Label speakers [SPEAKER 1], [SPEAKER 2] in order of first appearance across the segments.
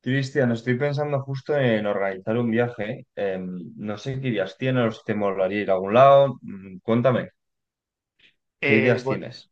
[SPEAKER 1] Cristian, estoy pensando justo en organizar un viaje. No sé qué ideas tienes o si te molaría ir a algún lado. Mm, cuéntame, ¿qué
[SPEAKER 2] Eh,
[SPEAKER 1] ideas
[SPEAKER 2] Gon-
[SPEAKER 1] tienes?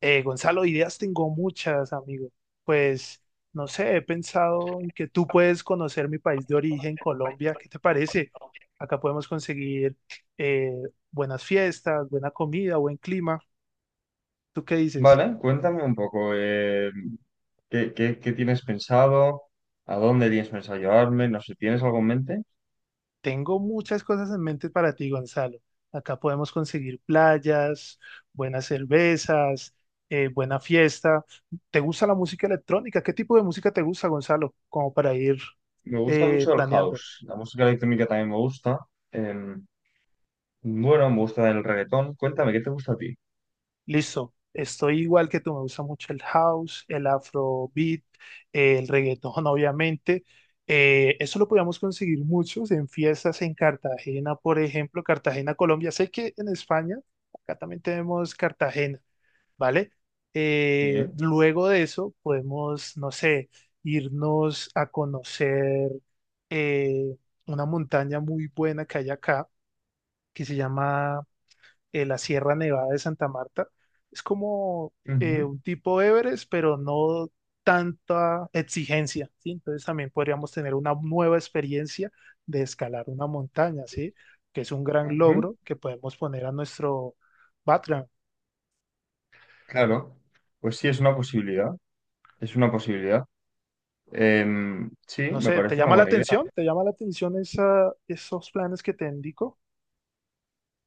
[SPEAKER 2] Gonzalo, ideas tengo muchas, amigo. Pues, no sé, he pensado en que tú puedes conocer mi país de origen, Colombia. ¿Qué te parece? Acá podemos conseguir eh, buenas fiestas, buena comida, buen clima. ¿Tú qué dices?
[SPEAKER 1] Vale, cuéntame un poco. ¿Qué tienes pensado? ¿A dónde tienes pensado llevarme? No sé, ¿tienes algo en mente?
[SPEAKER 2] Tengo muchas cosas en mente para ti, Gonzalo. Acá podemos conseguir playas, buenas cervezas, buena fiesta. ¿Te gusta la música electrónica? ¿Qué tipo de música te gusta, Gonzalo? Como para ir
[SPEAKER 1] Me gusta mucho el
[SPEAKER 2] planeando.
[SPEAKER 1] house. La música electrónica también me gusta. Em, bueno, me gusta el reggaetón. Cuéntame, ¿qué te gusta a ti?
[SPEAKER 2] Listo, estoy igual que tú, me gusta mucho el house, el afrobeat, el reggaetón, obviamente. Eso lo podíamos conseguir muchos en fiestas en Cartagena, por ejemplo, Cartagena, Colombia. Sé que en España, acá también tenemos Cartagena, ¿vale?
[SPEAKER 1] Sí.
[SPEAKER 2] Luego de eso podemos, no sé, irnos a conocer eh, una montaña muy buena que hay acá, que se llama la Sierra Nevada de Santa Marta. Es como
[SPEAKER 1] Ujú.
[SPEAKER 2] un tipo Everest, pero no tanta exigencia, ¿sí? Entonces también podríamos tener una nueva experiencia de escalar una montaña, ¿sí? Que es un gran
[SPEAKER 1] Ujú.
[SPEAKER 2] logro que podemos poner a nuestro background.
[SPEAKER 1] Claro. Pues sí, es una posibilidad. Es una posibilidad. Sí,
[SPEAKER 2] No
[SPEAKER 1] me
[SPEAKER 2] sé, ¿te
[SPEAKER 1] parece una
[SPEAKER 2] llama la
[SPEAKER 1] buena idea.
[SPEAKER 2] atención? ¿Te llama la atención esa, esos planes que te indico?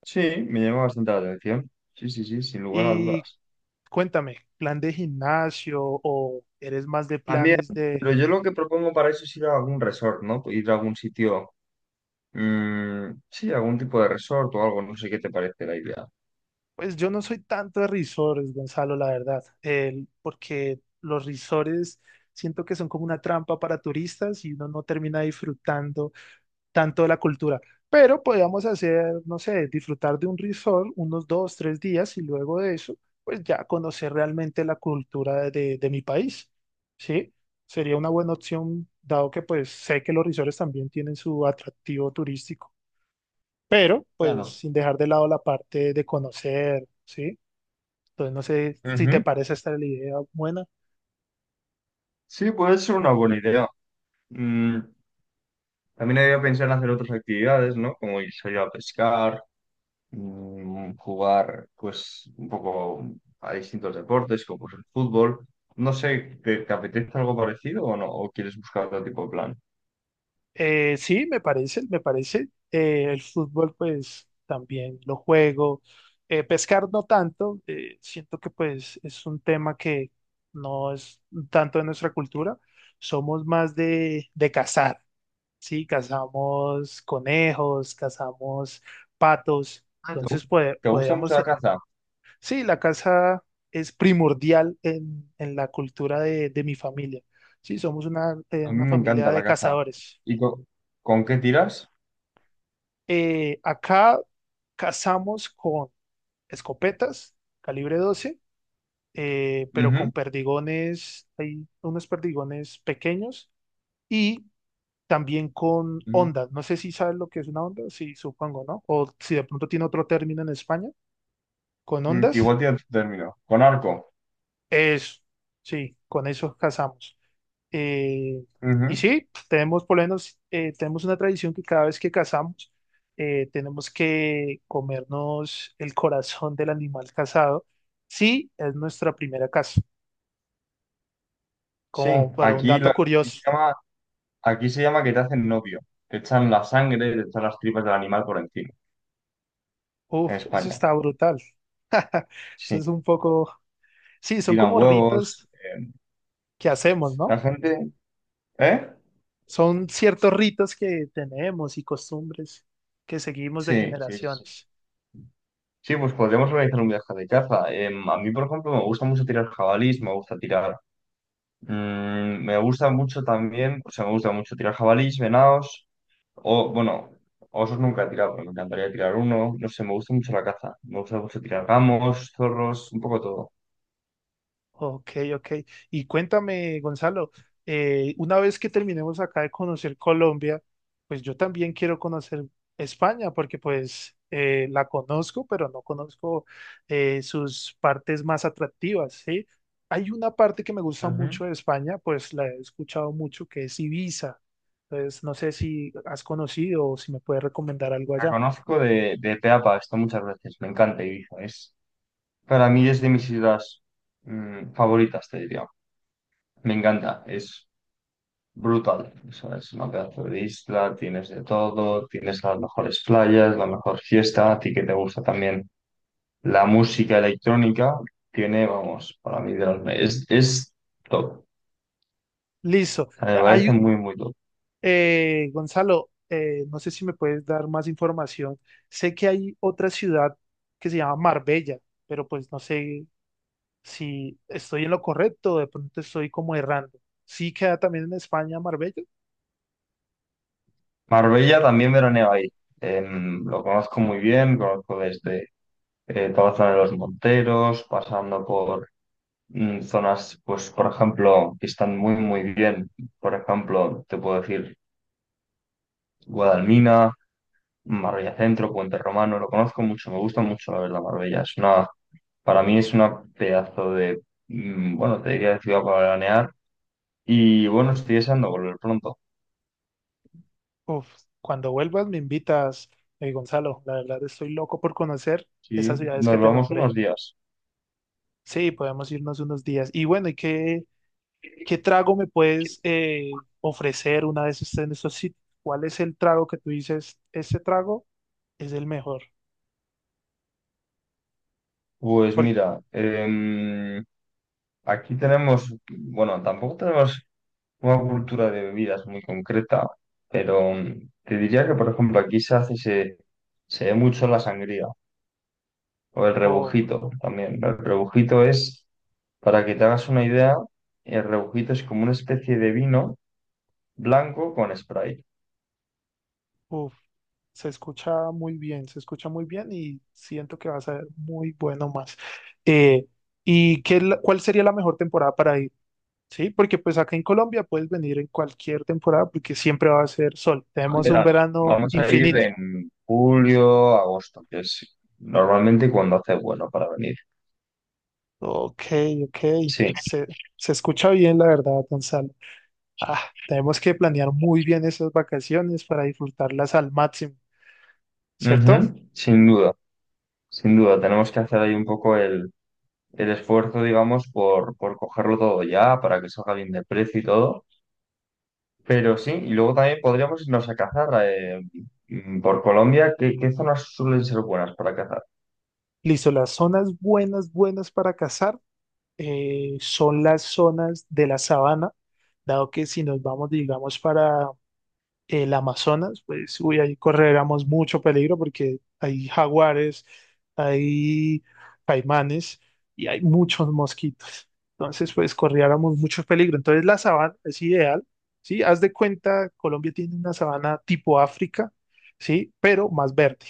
[SPEAKER 1] Sí, me llama bastante la atención. Sí, sí, sí, sin lugar a
[SPEAKER 2] Y
[SPEAKER 1] dudas.
[SPEAKER 2] cuéntame, ¿plan de gimnasio o eres más de
[SPEAKER 1] También,
[SPEAKER 2] planes de?
[SPEAKER 1] pero yo lo que propongo para eso es ir a algún resort, ¿no? Ir a algún sitio, mm, sí, algún tipo de resort o algo, no sé qué te parece la idea.
[SPEAKER 2] Pues yo no soy tanto de risores, Gonzalo, la verdad, porque los risores siento que son como una trampa para turistas y uno no termina disfrutando tanto de la cultura. Pero podríamos hacer, no sé, disfrutar de un resort unos dos, tres días y luego de eso, pues ya conocer realmente la cultura de mi país, ¿sí? Sería una buena opción, dado que pues sé que los risores también tienen su atractivo turístico, pero pues
[SPEAKER 1] Claro.
[SPEAKER 2] sin dejar de lado la parte de conocer, ¿sí? Entonces, no sé si te
[SPEAKER 1] Ujú.
[SPEAKER 2] parece esta la idea buena.
[SPEAKER 1] Sí, puede ser una buena idea. Mm, También había pensado en hacer otras actividades, ¿no? Como ir a pescar, jugar pues un poco a distintos deportes, como pues, el fútbol. No sé, ¿te apetece algo parecido o no? ¿O quieres buscar otro tipo de plan?
[SPEAKER 2] Sí, me parece. El fútbol, pues, también lo juego. Pescar no tanto. Siento que, pues, es un tema que no es tanto de nuestra cultura. Somos más de cazar, ¿sí? Cazamos conejos, cazamos patos.
[SPEAKER 1] Ah,
[SPEAKER 2] Entonces, pues,
[SPEAKER 1] ¿te gusta mucho
[SPEAKER 2] podríamos.
[SPEAKER 1] la caza?
[SPEAKER 2] Sí, la casa es primordial en la cultura de mi familia. Sí, somos
[SPEAKER 1] A mí
[SPEAKER 2] una
[SPEAKER 1] me
[SPEAKER 2] familia
[SPEAKER 1] encanta la
[SPEAKER 2] de
[SPEAKER 1] caza.
[SPEAKER 2] cazadores.
[SPEAKER 1] ¿Y co- ¿Con qué tiras?
[SPEAKER 2] Acá cazamos con escopetas, calibre 12, pero con
[SPEAKER 1] Ujú.
[SPEAKER 2] perdigones, hay unos perdigones pequeños y también con
[SPEAKER 1] Ujú.
[SPEAKER 2] ondas. No sé si sabes lo que es una onda, sí, supongo, ¿no? O si de pronto tiene otro término en España, con
[SPEAKER 1] Mm,
[SPEAKER 2] ondas.
[SPEAKER 1] igual tienes tu término. ¿Con arco?
[SPEAKER 2] Eso, sí, con eso cazamos. Eh, y
[SPEAKER 1] Ujú.
[SPEAKER 2] sí, tenemos por lo menos tenemos una tradición que cada vez que cazamos tenemos que comernos el corazón del animal cazado. Sí, es nuestra primera caza.
[SPEAKER 1] Sí,
[SPEAKER 2] Como para un
[SPEAKER 1] aquí, lo-
[SPEAKER 2] dato
[SPEAKER 1] aquí se
[SPEAKER 2] curioso.
[SPEAKER 1] llama, aquí se llama que te hacen novio. Te echan la sangre, te echan las tripas del animal por encima, en
[SPEAKER 2] Uf, eso
[SPEAKER 1] España.
[SPEAKER 2] está brutal. Eso
[SPEAKER 1] Sí,
[SPEAKER 2] es un poco. Sí,
[SPEAKER 1] te
[SPEAKER 2] son
[SPEAKER 1] tiran
[SPEAKER 2] como
[SPEAKER 1] huevos.
[SPEAKER 2] ritos que hacemos,
[SPEAKER 1] La
[SPEAKER 2] ¿no?
[SPEAKER 1] gente. ¿Eh?
[SPEAKER 2] Son ciertos ritos que tenemos y costumbres que seguimos de
[SPEAKER 1] Sí, sí, sí.
[SPEAKER 2] generaciones.
[SPEAKER 1] Sí, pues podríamos organizar un viaje de caza. A mí, por ejemplo, me gusta mucho tirar jabalís, me gusta tirar. Me gusta mucho también, o sea, me gusta mucho tirar jabalís, venados, o bueno, osos nunca he tirado, pero me encantaría tirar uno. No sé, me gusta mucho la caza. Me gusta mucho tirar gamos, zorros, un poco todo.
[SPEAKER 2] Ok, ok. Y cuéntame, Gonzalo, una vez que terminemos acá de conocer Colombia, pues yo también quiero conocer España, porque pues la conozco, pero no conozco sus partes más atractivas, ¿sí? Hay una parte que me gusta
[SPEAKER 1] Ujú.
[SPEAKER 2] mucho de España, pues la he escuchado mucho, que es Ibiza. Entonces, no sé si has conocido o si me puedes recomendar algo
[SPEAKER 1] La
[SPEAKER 2] allá.
[SPEAKER 1] conozco de pe a pa, he estado muchas veces, me encanta Ibiza. Es, para mí es de mis ciudades mm, favoritas, te diría. Me encanta, es brutal, o sea, es una pedazo de isla, tienes de todo, tienes las mejores playas, la mejor fiesta, a ti que te gusta también la música electrónica, tiene, vamos, para mí de es top, o
[SPEAKER 2] Listo.
[SPEAKER 1] sea, me parece
[SPEAKER 2] Hay,
[SPEAKER 1] muy, muy top.
[SPEAKER 2] Gonzalo, no sé si me puedes dar más información. Sé que hay otra ciudad que se llama Marbella, pero pues no sé si estoy en lo correcto o de pronto estoy como errando. ¿Sí queda también en España Marbella?
[SPEAKER 1] Marbella también veraneo ahí. Lo conozco muy bien, conozco desde toda la zona de los Monteros, pasando por mm, zonas, pues, por ejemplo, que están muy, muy bien, por ejemplo, te puedo decir... Guadalmina, Marbella Centro, Puente Romano, lo conozco mucho, me gusta mucho la verdad Marbella. Es una, para mí es una pedazo de, mm, bueno, te diría de ciudad para veranear. Y bueno, estoy deseando volver pronto.
[SPEAKER 2] Uf, cuando vuelvas me invitas, Gonzalo. La verdad estoy loco por conocer
[SPEAKER 1] Sí,
[SPEAKER 2] esas ciudades que
[SPEAKER 1] nos
[SPEAKER 2] te
[SPEAKER 1] vamos
[SPEAKER 2] nombré.
[SPEAKER 1] unos días.
[SPEAKER 2] Sí, podemos irnos unos días. Y bueno, ¿y qué trago me puedes ofrecer una vez estés en estos sitios? ¿Cuál es el trago que tú dices, este trago es el mejor?
[SPEAKER 1] Pues
[SPEAKER 2] Porque,
[SPEAKER 1] mira, aquí tenemos, bueno, tampoco tenemos una cultura de bebidas muy concreta, pero mm, te diría que, por ejemplo, aquí se hace, se ve mucho la sangría o el
[SPEAKER 2] oh,
[SPEAKER 1] rebujito también. El rebujito es... Para que te hagas una idea, el rebujito es como una especie de vino blanco con Sprite.
[SPEAKER 2] uf, se escucha muy bien, se escucha muy bien y siento que va a ser muy bueno más. Eh, ¿Y qué, cuál sería la mejor temporada para ir? Sí, porque pues acá en Colombia puedes venir en cualquier temporada porque siempre va a ser sol. Tenemos un
[SPEAKER 1] Verano.
[SPEAKER 2] verano
[SPEAKER 1] Vamos a ir
[SPEAKER 2] infinito.
[SPEAKER 1] en julio, agosto, que es normalmente cuando hace bueno para venir.
[SPEAKER 2] Ok, ok.
[SPEAKER 1] Sí.
[SPEAKER 2] Se, Se escucha bien, la verdad, Gonzalo. Ah, tenemos que planear muy bien esas vacaciones para disfrutarlas al máximo, ¿cierto?
[SPEAKER 1] Ujú. Sin duda, sin duda. Tenemos que hacer ahí un poco el esfuerzo, digamos, por cogerlo todo ya, para que salga bien de precio y todo. Pero sí, y luego también podríamos irnos a cazar por Colombia. ¿Qué zonas suelen ser buenas para cazar?
[SPEAKER 2] Listo, las zonas buenas para cazar. Son las zonas de la sabana, dado que si nos vamos, digamos, para el Amazonas, pues uy, ahí correríamos mucho peligro porque hay jaguares, hay caimanes y hay muchos mosquitos. Entonces, pues corriéramos mucho peligro. Entonces, la sabana es ideal, ¿sí? Haz de cuenta, Colombia tiene una sabana tipo África, ¿sí? Pero más verde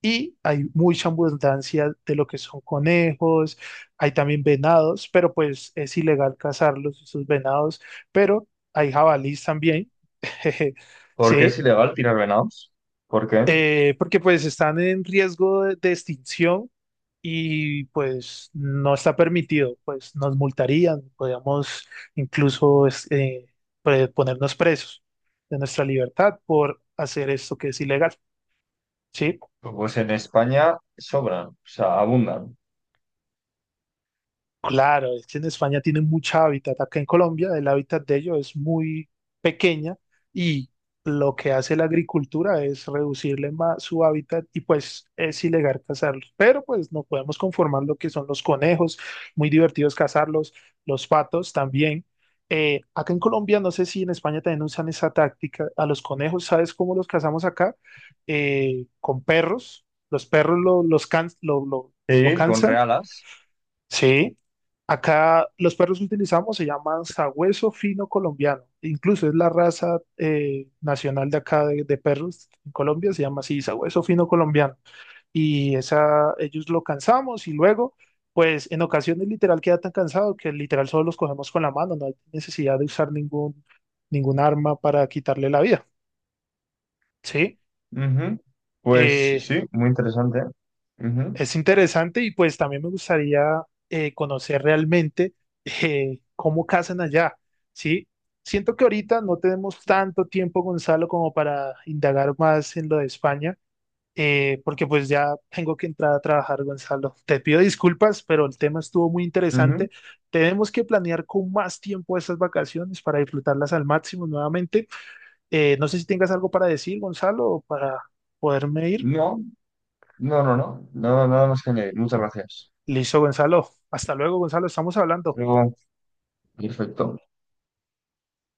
[SPEAKER 2] y hay mucha abundancia de lo que son conejos, hay también venados, pero pues es ilegal cazarlos, esos venados, pero hay jabalís también, jeje,
[SPEAKER 1] ¿Por qué
[SPEAKER 2] sí,
[SPEAKER 1] es ilegal tirar venados? ¿Por qué?
[SPEAKER 2] porque pues están en riesgo de extinción y pues no está permitido, pues nos multarían, podríamos incluso pues, ponernos presos de nuestra libertad por hacer esto que es ilegal, sí.
[SPEAKER 1] Pues en España sobran, o sea, abundan.
[SPEAKER 2] Claro, es que en España tienen mucha hábitat. Acá en Colombia el hábitat de ellos es muy pequeña y lo que hace la agricultura es reducirle más su hábitat y pues es ilegal cazarlos. Pero pues no podemos conformar lo que son los conejos, muy divertidos cazarlos, los patos también. Acá en Colombia, no sé si en España también usan esa táctica. A los conejos, ¿sabes cómo los cazamos acá? Con perros. Los perros lo- los, can- lo
[SPEAKER 1] Sí, con
[SPEAKER 2] cansan.
[SPEAKER 1] realas.
[SPEAKER 2] Sí, acá los perros que utilizamos se llaman sabueso fino colombiano. Incluso es la raza nacional de acá de perros en Colombia, se llama así, sabueso fino colombiano. Y esa, ellos lo cansamos y luego, pues en ocasiones literal queda tan cansado que literal solo los cogemos con la mano, no hay necesidad de usar ningún, ningún arma para quitarle la vida. Sí,
[SPEAKER 1] Ujú. Pues
[SPEAKER 2] eh,
[SPEAKER 1] sí, muy interesante. Ujú.
[SPEAKER 2] es interesante y pues también me gustaría conocer realmente cómo cazan allá, ¿sí? Siento que ahorita no tenemos tanto tiempo, Gonzalo, como para indagar más en lo de España, porque pues ya tengo que entrar a trabajar, Gonzalo. Te pido disculpas, pero el tema estuvo muy
[SPEAKER 1] Ujú.
[SPEAKER 2] interesante. Tenemos que planear con más tiempo estas vacaciones para disfrutarlas al máximo nuevamente. No sé si tengas algo para decir, Gonzalo, o para poderme ir.
[SPEAKER 1] No, no. No, nada más que añadir. Muchas gracias.
[SPEAKER 2] Listo, Gonzalo. Hasta luego, Gonzalo. Estamos hablando.
[SPEAKER 1] Luego, perfecto.